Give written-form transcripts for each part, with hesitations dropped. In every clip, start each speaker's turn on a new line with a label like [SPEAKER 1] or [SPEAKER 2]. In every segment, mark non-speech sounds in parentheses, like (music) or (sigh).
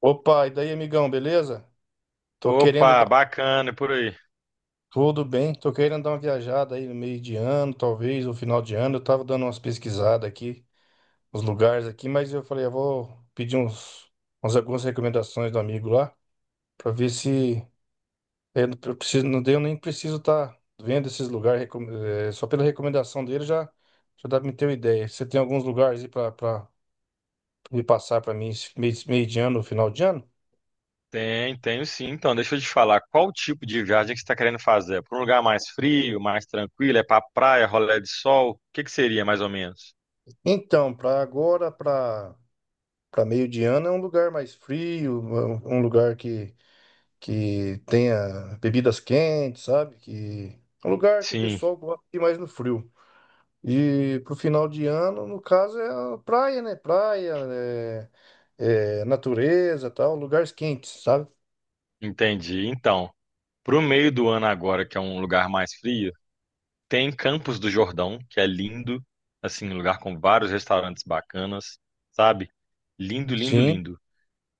[SPEAKER 1] Opa, e daí, amigão, beleza? Tô querendo
[SPEAKER 2] Opa,
[SPEAKER 1] dar
[SPEAKER 2] bacana, e por aí.
[SPEAKER 1] Tudo bem, tô querendo dar uma viajada aí no meio de ano, talvez, no final de ano. Eu tava dando umas pesquisadas aqui, uns lugares aqui, mas eu falei, eu vou pedir algumas recomendações do amigo lá, pra ver se eu não eu preciso, não deu, nem preciso estar vendo esses lugares, só pela recomendação dele já, já dá pra me ter uma ideia. Você tem alguns lugares aí pra me passar pra mim esse meio de ano, final de ano?
[SPEAKER 2] Tem, tenho sim. Então, deixa eu te falar, qual tipo de viagem que você está querendo fazer? Para um lugar mais frio, mais tranquilo? É para praia, rolê de sol? O que que seria mais ou menos?
[SPEAKER 1] Então, pra agora, pra. Para meio de ano é um lugar mais frio, um lugar que tenha bebidas quentes, sabe? Que é um lugar que o
[SPEAKER 2] Sim,
[SPEAKER 1] pessoal gosta de ir mais no frio. E pro final de ano, no caso, é a praia, né? Praia, é natureza, tal, lugares quentes, sabe?
[SPEAKER 2] entendi. Então, para o meio do ano agora, que é um lugar mais frio, tem Campos do Jordão, que é lindo, assim, um lugar com vários restaurantes bacanas, sabe? Lindo, lindo,
[SPEAKER 1] Sim.
[SPEAKER 2] lindo.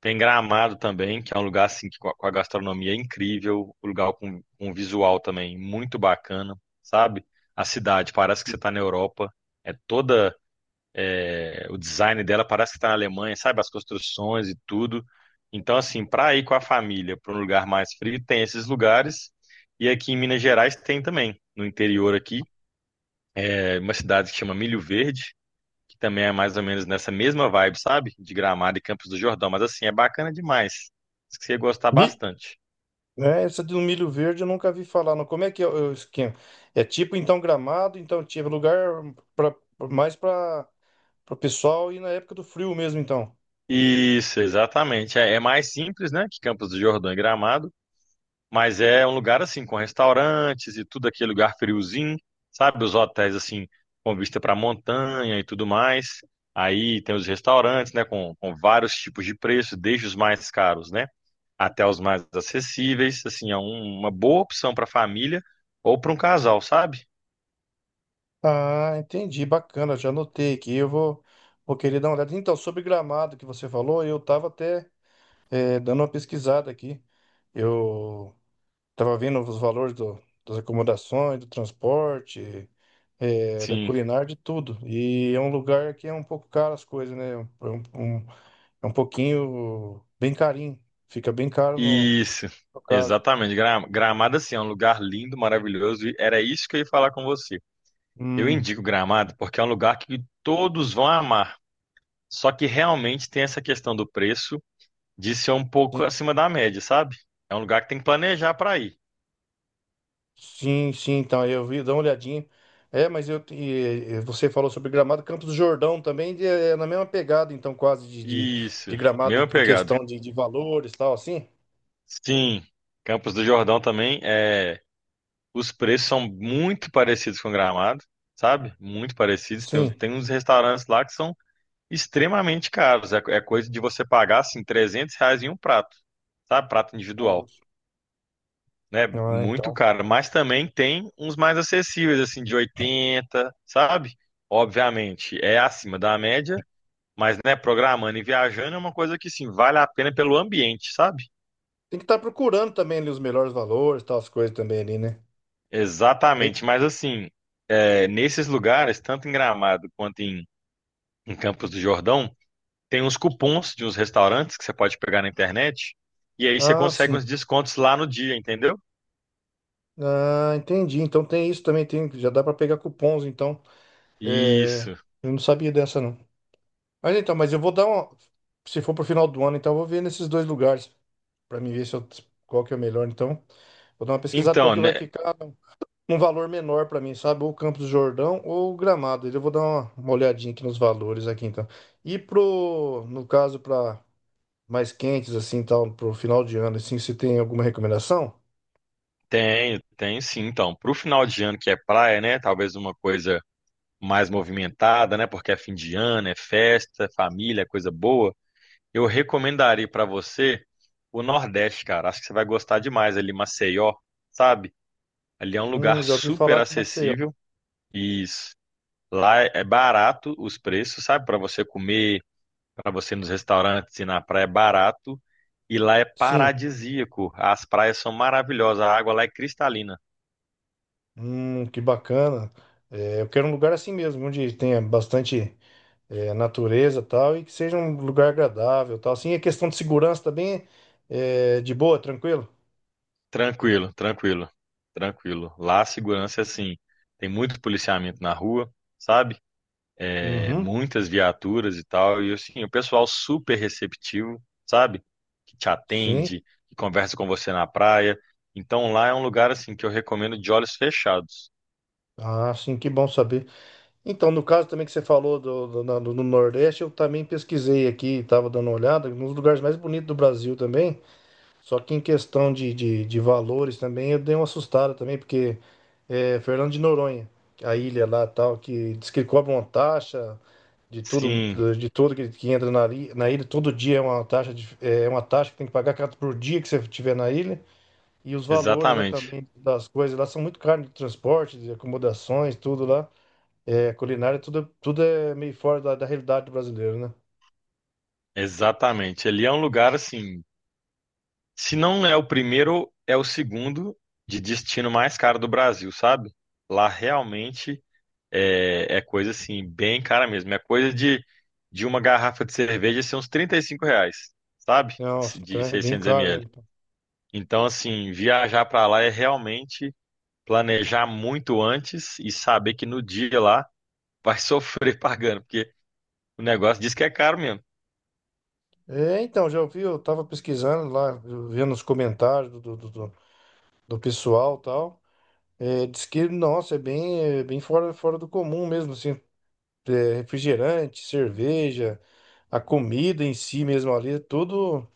[SPEAKER 2] Tem Gramado também, que é um lugar assim que com a gastronomia é incrível, um lugar com um visual também muito bacana, sabe? A cidade parece que você está na Europa, é toda é, o design dela parece que está na Alemanha, sabe? As construções e tudo. Então assim, para ir com a família para um lugar mais frio tem esses lugares e aqui em Minas Gerais tem também, no interior aqui, é uma cidade que chama Milho Verde, que também é mais ou menos nessa mesma vibe, sabe? De Gramado e Campos do Jordão, mas assim, é bacana demais. Acho que você ia gostar
[SPEAKER 1] Mi...
[SPEAKER 2] bastante.
[SPEAKER 1] né, essa do milho verde eu nunca vi falar. Não. Como é que é o esquema? É tipo então Gramado, então tipo lugar pra, mais para o pessoal ir na época do frio mesmo, então.
[SPEAKER 2] Isso, exatamente. É mais simples, né, que Campos do Jordão e Gramado, mas é um lugar assim com restaurantes e tudo aquele lugar friozinho, sabe? Os hotéis assim com vista para montanha e tudo mais. Aí tem os restaurantes, né, com vários tipos de preço, desde os mais caros, né, até os mais acessíveis. Assim, uma boa opção para família ou para um casal, sabe?
[SPEAKER 1] Ah, entendi, bacana, já anotei aqui. Eu vou querer dar uma olhada. Então, sobre gramado que você falou, eu estava até dando uma pesquisada aqui. Eu estava vendo os valores das acomodações, do transporte, da
[SPEAKER 2] Sim,
[SPEAKER 1] culinária, de tudo. E é um lugar que é um pouco caro as coisas, né? É um pouquinho bem carinho, fica bem caro no,
[SPEAKER 2] isso,
[SPEAKER 1] no caso.
[SPEAKER 2] exatamente. Gramado, assim, é um lugar lindo, maravilhoso, e era isso que eu ia falar com você. Eu
[SPEAKER 1] Hum.
[SPEAKER 2] indico Gramado porque é um lugar que todos vão amar, só que realmente tem essa questão do preço de ser um pouco acima da média, sabe? É um lugar que tem que planejar para ir.
[SPEAKER 1] Sim, sim, então eu vi, dá uma olhadinha. É, mas eu e você falou sobre Gramado, Campos do Jordão também é na mesma pegada, então quase de
[SPEAKER 2] Isso,
[SPEAKER 1] Gramado em
[SPEAKER 2] mesma
[SPEAKER 1] em
[SPEAKER 2] pegada.
[SPEAKER 1] questão de valores, tal, assim?
[SPEAKER 2] Sim, Campos do Jordão também, é, os preços são muito parecidos com Gramado, sabe? Muito parecidos. Tem,
[SPEAKER 1] Sim.
[SPEAKER 2] tem uns restaurantes lá que são extremamente caros. É coisa de você pagar assim 300 reais em um prato, sabe? Prato
[SPEAKER 1] Bom.
[SPEAKER 2] individual, né?
[SPEAKER 1] Ah,
[SPEAKER 2] Muito
[SPEAKER 1] então.
[SPEAKER 2] caro. Mas também tem uns mais acessíveis, assim, de 80 sabe? Obviamente é acima da média, mas né, programando e viajando é uma coisa que sim, vale a pena pelo ambiente, sabe?
[SPEAKER 1] Tem que estar procurando também ali os melhores valores, tal, as coisas também ali, né? Aí-
[SPEAKER 2] Exatamente. Mas assim, é, nesses lugares, tanto em Gramado quanto em Campos do Jordão, tem uns cupons de uns restaurantes que você pode pegar na internet. E aí você
[SPEAKER 1] Ah,
[SPEAKER 2] consegue
[SPEAKER 1] sim.
[SPEAKER 2] uns descontos lá no dia, entendeu?
[SPEAKER 1] Ah, entendi. Então tem isso também, tem, já dá para pegar cupons, então. É,
[SPEAKER 2] Isso.
[SPEAKER 1] eu não sabia dessa, não. Mas então, mas eu vou dar uma. Se for pro final do ano, então eu vou ver nesses dois lugares. Para mim ver se eu, qual que é o melhor. Então, vou dar uma pesquisada qual
[SPEAKER 2] Então,
[SPEAKER 1] que vai
[SPEAKER 2] né?
[SPEAKER 1] ficar um valor menor para mim, sabe? Ou Campos do Jordão ou Gramado. Eu vou dar uma olhadinha aqui nos valores aqui, então. E pro, no caso, para mais quentes, assim, tal, pro final de ano, assim, se tem alguma recomendação?
[SPEAKER 2] Tem, tem sim. Então, pro final de ano que é praia, né? Talvez uma coisa mais movimentada, né? Porque é fim de ano, é festa, é família, é coisa boa. Eu recomendaria pra você o Nordeste, cara. Acho que você vai gostar demais ali, Maceió, sabe? Ali é um lugar
[SPEAKER 1] Já ouvi
[SPEAKER 2] super
[SPEAKER 1] falar de Maceió.
[SPEAKER 2] acessível. E lá é barato os preços, sabe? Pra você comer para você ir nos restaurantes e na praia é barato e lá é
[SPEAKER 1] Sim.
[SPEAKER 2] paradisíaco. As praias são maravilhosas, a água lá é cristalina.
[SPEAKER 1] Que bacana. É, eu quero um lugar assim mesmo, onde tenha bastante é, natureza e tal, e que seja um lugar agradável e tal. Assim, a questão de segurança também é de boa, tranquilo?
[SPEAKER 2] Tranquilo, tranquilo, tranquilo. Lá a segurança é assim, tem muito policiamento na rua, sabe? É,
[SPEAKER 1] Uhum,
[SPEAKER 2] muitas viaturas e tal, e assim, o pessoal super receptivo, sabe? Que te
[SPEAKER 1] sim.
[SPEAKER 2] atende, que conversa com você na praia. Então lá é um lugar assim que eu recomendo de olhos fechados.
[SPEAKER 1] Ah, sim, que bom saber. Então, no caso também que você falou do Nordeste, eu também pesquisei aqui, estava dando uma olhada, nos lugares mais bonitos do Brasil também. Só que em questão de valores também, eu dei uma assustada também, porque é, Fernando de Noronha, a ilha lá tal, que diz que cobra uma taxa de tudo,
[SPEAKER 2] Sim,
[SPEAKER 1] de tudo que entra na ilha, todo dia é uma taxa, de- é uma taxa que tem que pagar por dia que você estiver na ilha. E os valores lá
[SPEAKER 2] exatamente.
[SPEAKER 1] também das coisas lá são muito caros de transporte, de acomodações, tudo lá. É, culinária, tudo, tudo é meio fora da realidade brasileira, né?
[SPEAKER 2] Exatamente. Ele é um lugar assim. Se não é o primeiro, é o segundo de destino mais caro do Brasil, sabe? Lá realmente é coisa assim, bem cara mesmo. É coisa de uma garrafa de cerveja ser uns 35 reais, sabe? De,
[SPEAKER 1] Nossa, então
[SPEAKER 2] de
[SPEAKER 1] é bem
[SPEAKER 2] 600
[SPEAKER 1] caro mesmo.
[SPEAKER 2] ml. Então, assim, viajar pra lá é realmente planejar muito antes e saber que no dia lá vai (laughs) sofrer pagando, porque o negócio diz que é caro mesmo.
[SPEAKER 1] É, então, já ouvi, eu tava pesquisando lá, vendo os comentários do pessoal e tal. É, diz que, nossa, é bem fora, fora do comum mesmo, assim. É, refrigerante, cerveja, a comida em si mesmo ali,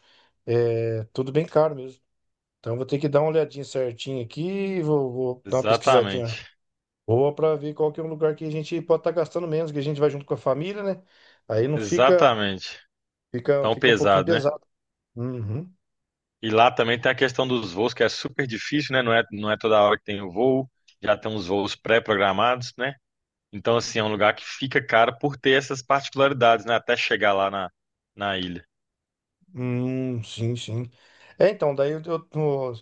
[SPEAKER 1] é, tudo bem caro mesmo. Então, eu vou ter que dar uma olhadinha certinho aqui, vou dar uma pesquisadinha
[SPEAKER 2] Exatamente.
[SPEAKER 1] boa para ver qual que é um lugar que a gente pode estar gastando menos, que a gente vai junto com a família, né? Aí não fica,
[SPEAKER 2] Exatamente.
[SPEAKER 1] fica,
[SPEAKER 2] Tão
[SPEAKER 1] fica um pouquinho
[SPEAKER 2] pesado, né?
[SPEAKER 1] pesado. Uhum.
[SPEAKER 2] E lá também tem a questão dos voos, que é super difícil, né? Não é toda hora que tem o voo, já tem uns voos pré-programados, né? Então, assim, é um lugar que fica caro por ter essas particularidades, né? Até chegar lá na ilha.
[SPEAKER 1] Sim, sim. É, então, daí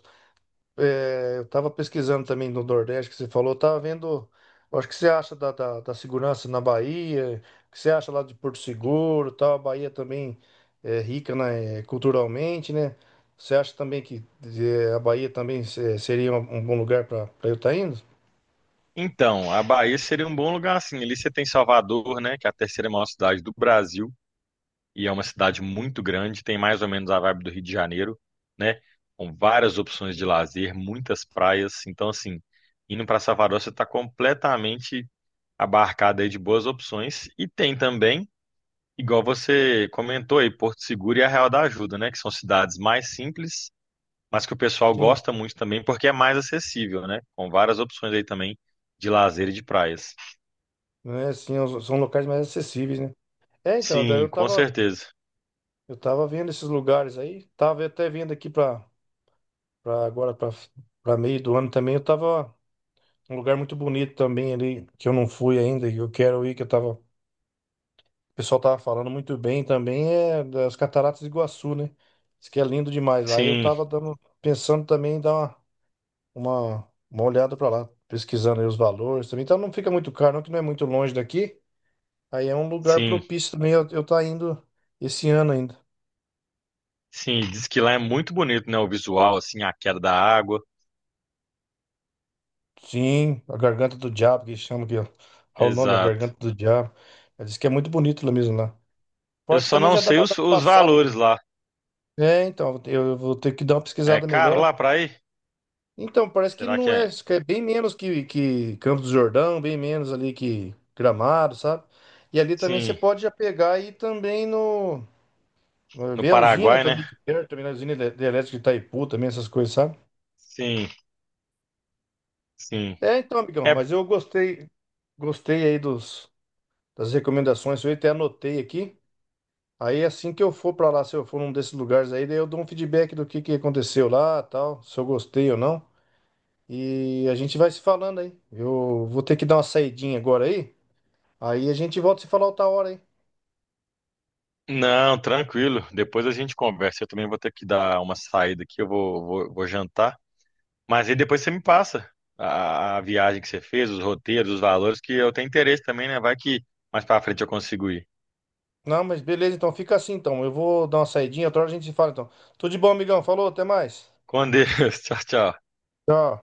[SPEAKER 1] é, eu estava pesquisando também no Nordeste que você falou, eu tava vendo, eu acho que você acha da segurança na Bahia, o que você acha lá de Porto Seguro, tal, a Bahia também é rica, né, culturalmente, né? Você acha também que eh, a Bahia também seria um bom lugar para eu estar indo?
[SPEAKER 2] Então, a Bahia seria um bom lugar, assim. Ali você tem Salvador, né? Que é a terceira maior cidade do Brasil, e é uma cidade muito grande, tem mais ou menos a vibe do Rio de Janeiro, né? Com várias opções de lazer, muitas praias. Então, assim, indo para Salvador, você está completamente abarcada aí de boas opções. E tem também, igual você comentou aí, Porto Seguro e a Real da Ajuda, né? Que são cidades mais simples, mas que o pessoal
[SPEAKER 1] Sim,
[SPEAKER 2] gosta muito também porque é mais acessível, né? Com várias opções aí também de lazer e de praias.
[SPEAKER 1] né? Sim, os- são locais mais acessíveis, né? É, então, daí
[SPEAKER 2] Sim, com certeza.
[SPEAKER 1] eu tava vendo esses lugares aí, tava até vendo aqui para agora para meio do ano também, eu tava um lugar muito bonito também ali, que eu não fui ainda, que eu quero ir, que eu tava, o pessoal tava falando muito bem também, é das Cataratas do Iguaçu, né? Diz que é lindo demais lá. E eu
[SPEAKER 2] Sim,
[SPEAKER 1] tava dando, pensando também em dar uma olhada pra lá, pesquisando aí os valores também. Então não fica muito caro, não, que não é muito longe daqui. Aí é um lugar
[SPEAKER 2] sim,
[SPEAKER 1] propício também, eu tá indo esse ano ainda.
[SPEAKER 2] sim. Diz que lá é muito bonito, né? O visual, assim, a queda da água.
[SPEAKER 1] Sim, a Garganta do Diabo, que chama aqui, ó. Olha o nome, a
[SPEAKER 2] Exato.
[SPEAKER 1] Garganta do Diabo. Ela diz que é muito bonito lá mesmo lá.
[SPEAKER 2] Eu
[SPEAKER 1] Fora que
[SPEAKER 2] só
[SPEAKER 1] também
[SPEAKER 2] não
[SPEAKER 1] já dá
[SPEAKER 2] sei
[SPEAKER 1] pra dar
[SPEAKER 2] os,
[SPEAKER 1] uma
[SPEAKER 2] os
[SPEAKER 1] passada.
[SPEAKER 2] valores lá.
[SPEAKER 1] É, então, eu vou ter que dar uma
[SPEAKER 2] É
[SPEAKER 1] pesquisada
[SPEAKER 2] caro
[SPEAKER 1] melhor.
[SPEAKER 2] lá pra ir?
[SPEAKER 1] Então, parece que
[SPEAKER 2] Será que
[SPEAKER 1] não é,
[SPEAKER 2] é?
[SPEAKER 1] isso que é bem menos que Campos do Jordão, bem menos ali que Gramado, sabe? E ali também você
[SPEAKER 2] Sim,
[SPEAKER 1] pode já pegar e também
[SPEAKER 2] no
[SPEAKER 1] ver a usina
[SPEAKER 2] Paraguai, né?
[SPEAKER 1] também de perto, também na usina de elétrica de Itaipu, também essas coisas, sabe?
[SPEAKER 2] Sim, sim.
[SPEAKER 1] É, então, amigão,
[SPEAKER 2] É.
[SPEAKER 1] mas eu gostei, gostei aí das recomendações, eu até anotei aqui. Aí assim que eu for pra lá, se eu for num desses lugares aí, daí eu dou um feedback do que aconteceu lá, tal, se eu gostei ou não. E a gente vai se falando aí. Eu vou ter que dar uma saidinha agora aí. Aí a gente volta a se falar outra hora aí.
[SPEAKER 2] Não, tranquilo. Depois a gente conversa. Eu também vou ter que dar uma saída aqui. Eu vou jantar. Mas aí depois você me passa a viagem que você fez, os roteiros, os valores, que eu tenho interesse também, né? Vai que mais pra frente eu consigo ir.
[SPEAKER 1] Não, mas beleza, então fica assim então. Eu vou dar uma saidinha, outra hora a gente se fala então. Tudo de bom, amigão. Falou, até mais.
[SPEAKER 2] Com Deus. (laughs) Tchau, tchau.
[SPEAKER 1] Tchau.